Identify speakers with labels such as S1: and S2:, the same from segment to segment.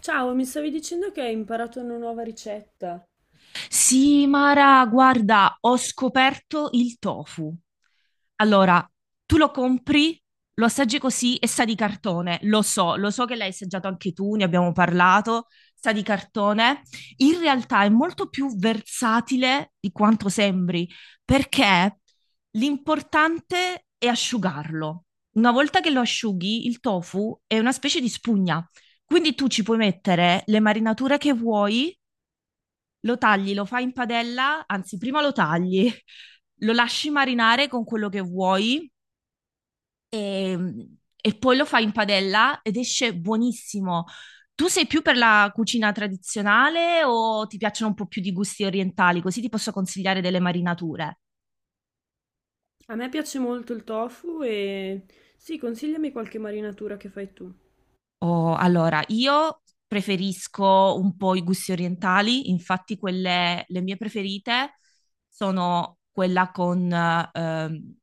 S1: Ciao, mi stavi dicendo che hai imparato una nuova ricetta.
S2: Sì, Mara, guarda, ho scoperto il tofu. Allora, tu lo compri, lo assaggi così e sa di cartone, lo so che l'hai assaggiato anche tu, ne abbiamo parlato, sa di cartone. In realtà è molto più versatile di quanto sembri, perché l'importante è asciugarlo. Una volta che lo asciughi, il tofu è una specie di spugna, quindi tu ci puoi mettere le marinature che vuoi, lo tagli, lo fai in padella, anzi, prima lo tagli, lo lasci marinare con quello che vuoi e, e poi lo fai in padella ed esce buonissimo. Tu sei più per la cucina tradizionale o ti piacciono un po' più di gusti orientali? Così ti posso consigliare delle marinature.
S1: A me piace molto il tofu e sì, consigliami qualche marinatura che fai tu.
S2: Oh, allora, io preferisco un po' i gusti orientali, infatti quelle, le mie preferite sono quella con ehm,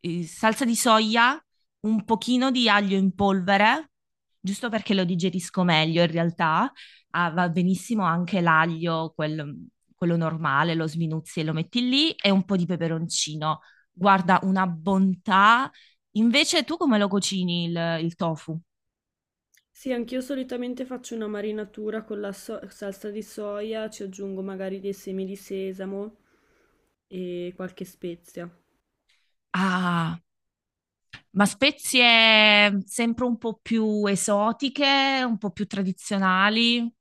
S2: eh, salsa di soia, un pochino di aglio in polvere, giusto perché lo digerisco meglio in realtà. Ah, va benissimo anche l'aglio, quello normale, lo sminuzzi e lo metti lì, e un po' di peperoncino. Guarda, una bontà. Invece tu come lo cucini il tofu?
S1: Sì, anch'io solitamente faccio una marinatura con la salsa di soia, ci aggiungo magari dei semi di sesamo e qualche spezia.
S2: Ah, ma spezie sempre un po' più esotiche, un po' più tradizionali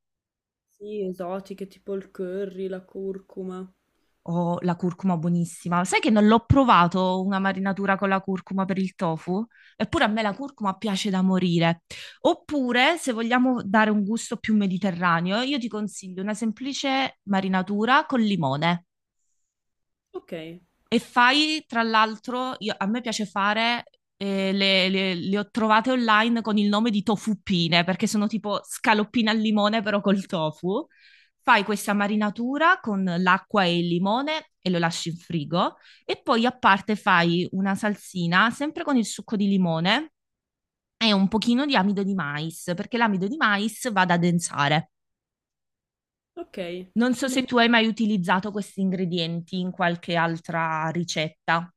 S1: Sì, esotiche tipo il curry, la curcuma.
S2: o la curcuma buonissima? Sai che non l'ho provato una marinatura con la curcuma per il tofu? Eppure a me la curcuma piace da morire. Oppure, se vogliamo dare un gusto più mediterraneo, io ti consiglio una semplice marinatura con limone.
S1: Ok,
S2: E fai, tra l'altro, a me piace fare, le ho trovate online con il nome di tofuppine, perché sono tipo scaloppine al limone, però col tofu. Fai questa marinatura con l'acqua e il limone e lo lasci in frigo. E poi a parte fai una salsina, sempre con il succo di limone e un pochino di amido di mais, perché l'amido di mais va ad addensare.
S1: ok,
S2: Non so
S1: sembra
S2: se
S1: molto.
S2: tu hai mai utilizzato questi ingredienti in qualche altra ricetta.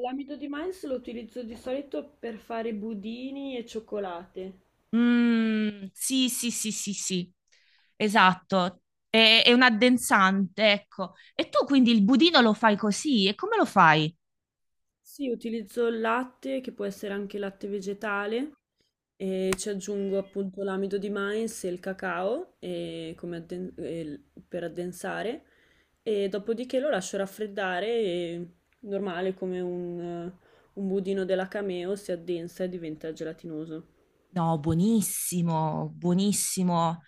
S1: L'amido di mais lo utilizzo di solito per fare budini e cioccolate.
S2: Mm, sì, sì, sì, sì, sì, esatto. È un addensante, ecco. E tu quindi il budino lo fai così? E come lo fai?
S1: Sì, utilizzo il latte, che può essere anche latte vegetale, e ci aggiungo appunto l'amido di mais e il cacao e come adden- e il- per addensare, e dopodiché lo lascio raffreddare, e, normale come un budino della Cameo, si addensa e diventa gelatinoso.
S2: No, buonissimo, buonissimo.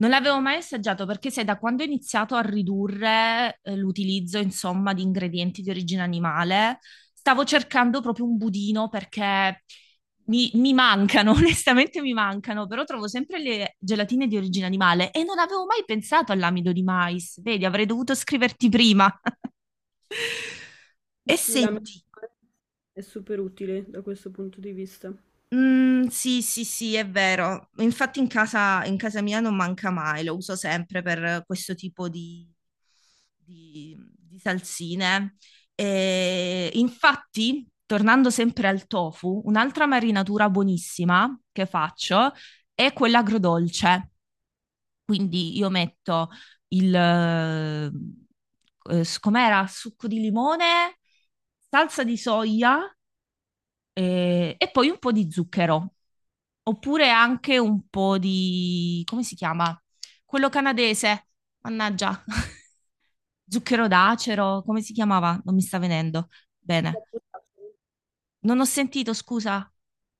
S2: Non l'avevo mai assaggiato perché sai, da quando ho iniziato a ridurre l'utilizzo, insomma, di ingredienti di origine animale, stavo cercando proprio un budino perché mi mancano, onestamente mi mancano, però trovo sempre le gelatine di origine animale e non avevo mai pensato all'amido di mais. Vedi, avrei dovuto scriverti prima.
S1: Sì,
S2: E
S1: sì, la memoria
S2: senti,
S1: è super utile da questo punto di vista.
S2: mm, sì, sì, sì, è vero. Infatti in casa mia non manca mai, lo uso sempre per questo tipo di, di salsine. E infatti, tornando sempre al tofu, un'altra marinatura buonissima che faccio è quella agrodolce. Quindi io metto il, eh, com'era? Succo di limone, salsa di soia, e poi un po' di zucchero, oppure anche un po' di, come si chiama? Quello canadese, mannaggia, zucchero d'acero, come si chiamava? Non mi sta venendo. Bene,
S1: Sciroppo d'acero.
S2: non ho sentito, scusa.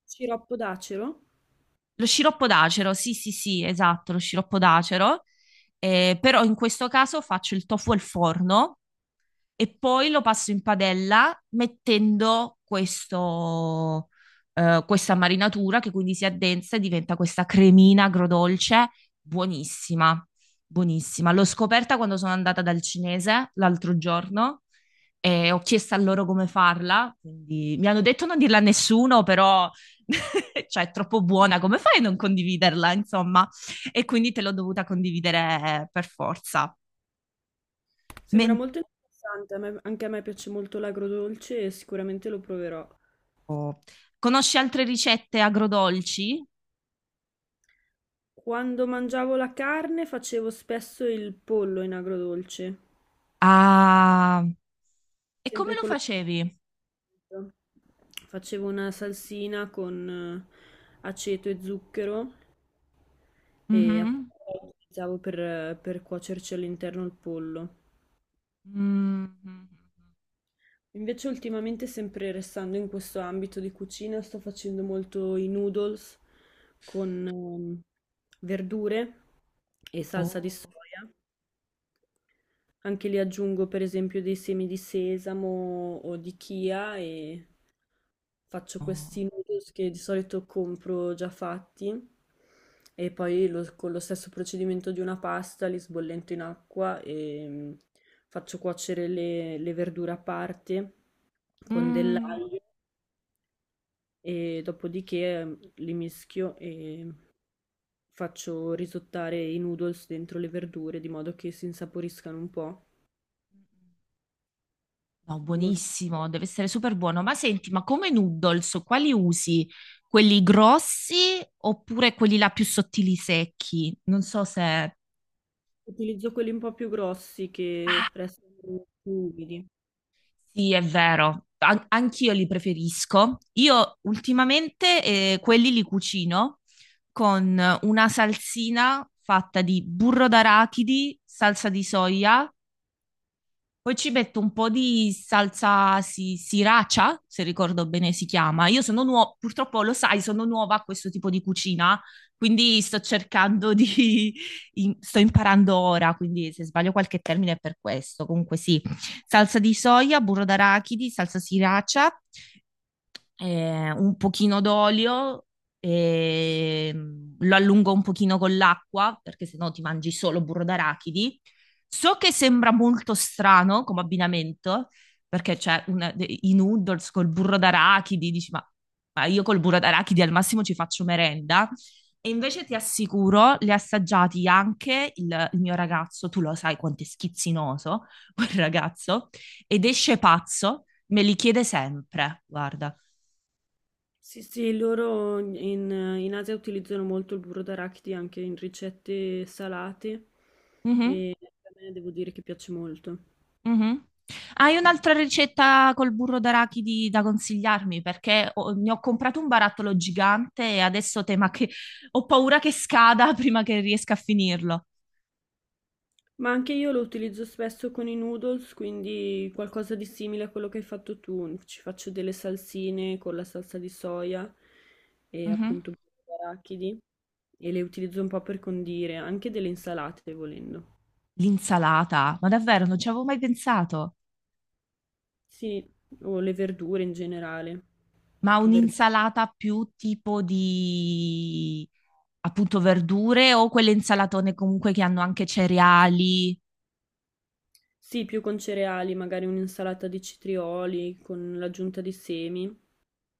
S1: Sciroppo d'acero?
S2: Lo sciroppo d'acero, sì, sì, sì, esatto, lo sciroppo d'acero. Però in questo caso faccio il tofu al forno e poi lo passo in padella mettendo questa marinatura che quindi si addensa e diventa questa cremina agrodolce buonissima, buonissima. L'ho scoperta quando sono andata dal cinese l'altro giorno e ho chiesto a loro come farla, quindi mi hanno detto non dirla a nessuno, però cioè è troppo buona, come fai a non condividerla, insomma? E quindi te l'ho dovuta condividere, per forza.
S1: Sembra molto interessante, anche a me piace molto l'agrodolce e sicuramente lo proverò.
S2: Oh. Conosci altre ricette agrodolci?
S1: Quando mangiavo la carne facevo spesso il pollo in agrodolce,
S2: Ah, e come
S1: sempre
S2: lo
S1: con lo
S2: facevi?
S1: stesso. Facevo una salsina con aceto e zucchero e
S2: Mhm.
S1: appunto la utilizzavo per cuocerci all'interno il pollo.
S2: Mhm.
S1: Invece ultimamente, sempre restando in questo ambito di cucina, sto facendo molto i noodles con verdure e salsa di soia.
S2: Oh,
S1: Anche lì aggiungo per esempio dei semi di sesamo o di chia e faccio
S2: no,
S1: questi noodles che di solito compro già fatti e poi con lo stesso procedimento di una pasta li sbollento in acqua e faccio cuocere le verdure a parte con
S2: mm,
S1: dell'aglio. E dopodiché, li mischio e faccio risottare i noodles dentro le verdure di modo che si insaporiscano un po'.
S2: no,
S1: Molto
S2: buonissimo, deve essere super buono. Ma senti, ma come noodles, quali usi? Quelli grossi oppure quelli là più sottili secchi? Non so se...
S1: utilizzo quelli un po' più grossi che restano più umidi.
S2: Sì, è vero, anch'io li preferisco. Io ultimamente, quelli li cucino con una salsina fatta di burro d'arachidi, salsa di soia, poi ci metto un po' di sriracha, se ricordo bene si chiama. Io sono nuova, purtroppo lo sai, sono nuova a questo tipo di cucina, quindi sto cercando di... sto imparando ora, quindi se sbaglio qualche termine è per questo. Comunque sì, salsa di soia, burro d'arachidi, salsa sriracha, un pochino d'olio e mm, lo allungo un pochino con l'acqua perché sennò ti mangi solo burro d'arachidi. So che sembra molto strano come abbinamento perché i noodles col burro d'arachidi, dici ma io col burro d'arachidi al massimo ci faccio merenda. E invece ti assicuro, li ha assaggiati anche il mio ragazzo, tu lo sai quanto è schizzinoso quel ragazzo, ed esce pazzo, me li chiede sempre, guarda.
S1: Sì, sì, loro in Asia utilizzano molto il burro d'arachidi anche in ricette salate
S2: Mhm,
S1: e a me devo dire che piace molto.
S2: mhm. Hai un'altra ricetta col burro d'arachidi da consigliarmi? Perché ne ho comprato un barattolo gigante e adesso tema che ho paura che scada prima che riesca a finirlo.
S1: Ma anche io lo utilizzo spesso con i noodles, quindi qualcosa di simile a quello che hai fatto tu. Ci faccio delle salsine con la salsa di soia e
S2: Mhm.
S1: appunto arachidi e le utilizzo un po' per condire, anche delle insalate volendo.
S2: L'insalata, ma davvero non ci avevo mai pensato.
S1: Sì, o le verdure in generale.
S2: Ma
S1: Verd-
S2: un'insalata più tipo di appunto verdure o quelle insalatone comunque che hanno anche cereali?
S1: Sì, più con cereali, magari un'insalata di citrioli con l'aggiunta di semi.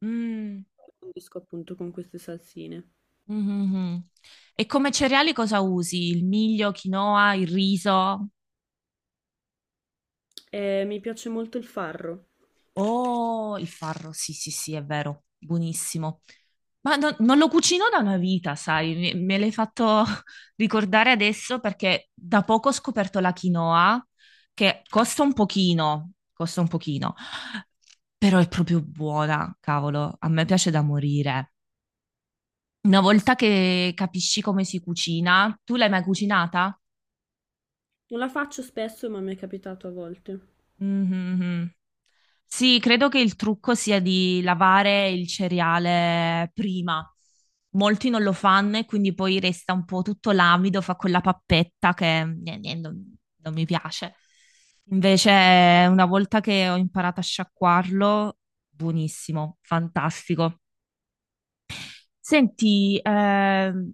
S2: Mm.
S1: Condisco appunto con queste salsine.
S2: Mhm. E come cereali cosa usi? Il miglio, quinoa, il riso?
S1: Mi piace molto il farro,
S2: Oh, il farro, sì, sì, sì, è vero, buonissimo. Ma non lo cucino da una vita, sai, me l'hai fatto ricordare adesso perché da poco ho scoperto la quinoa, che costa un pochino, però è proprio buona, cavolo, a me piace da morire. Una volta
S1: assolutamente.
S2: che capisci come si cucina, tu l'hai mai cucinata?
S1: Non la faccio spesso, ma mi è capitato a volte.
S2: Mhm, mhm. Sì, credo che il trucco sia di lavare il cereale prima. Molti non lo fanno e quindi poi resta un po' tutto l'amido, fa quella pappetta che non mi piace. Invece, una volta che ho imparato a sciacquarlo, buonissimo, fantastico. Senti,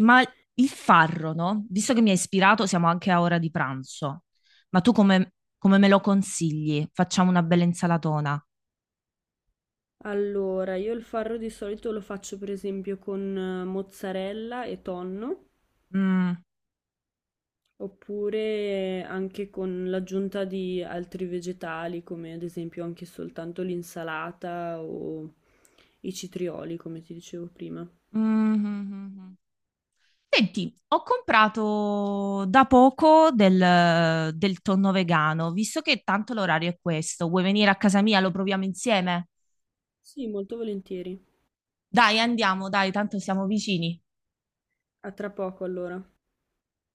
S2: ma il farro, no? Visto che mi hai ispirato, siamo anche a ora di pranzo. Ma tu come, come me lo consigli? Facciamo una bella insalatona.
S1: Allora, io il farro di solito lo faccio per esempio con mozzarella e tonno,
S2: Mm,
S1: oppure anche con l'aggiunta di altri vegetali, come ad esempio anche soltanto l'insalata o i citrioli, come ti dicevo prima.
S2: mm, mm, mm. Senti, ho comprato da poco del tonno vegano, visto che tanto l'orario è questo. Vuoi venire a casa mia? Lo proviamo insieme?
S1: Sì, molto volentieri.
S2: Dai, andiamo, dai, tanto siamo vicini.
S1: A tra poco allora.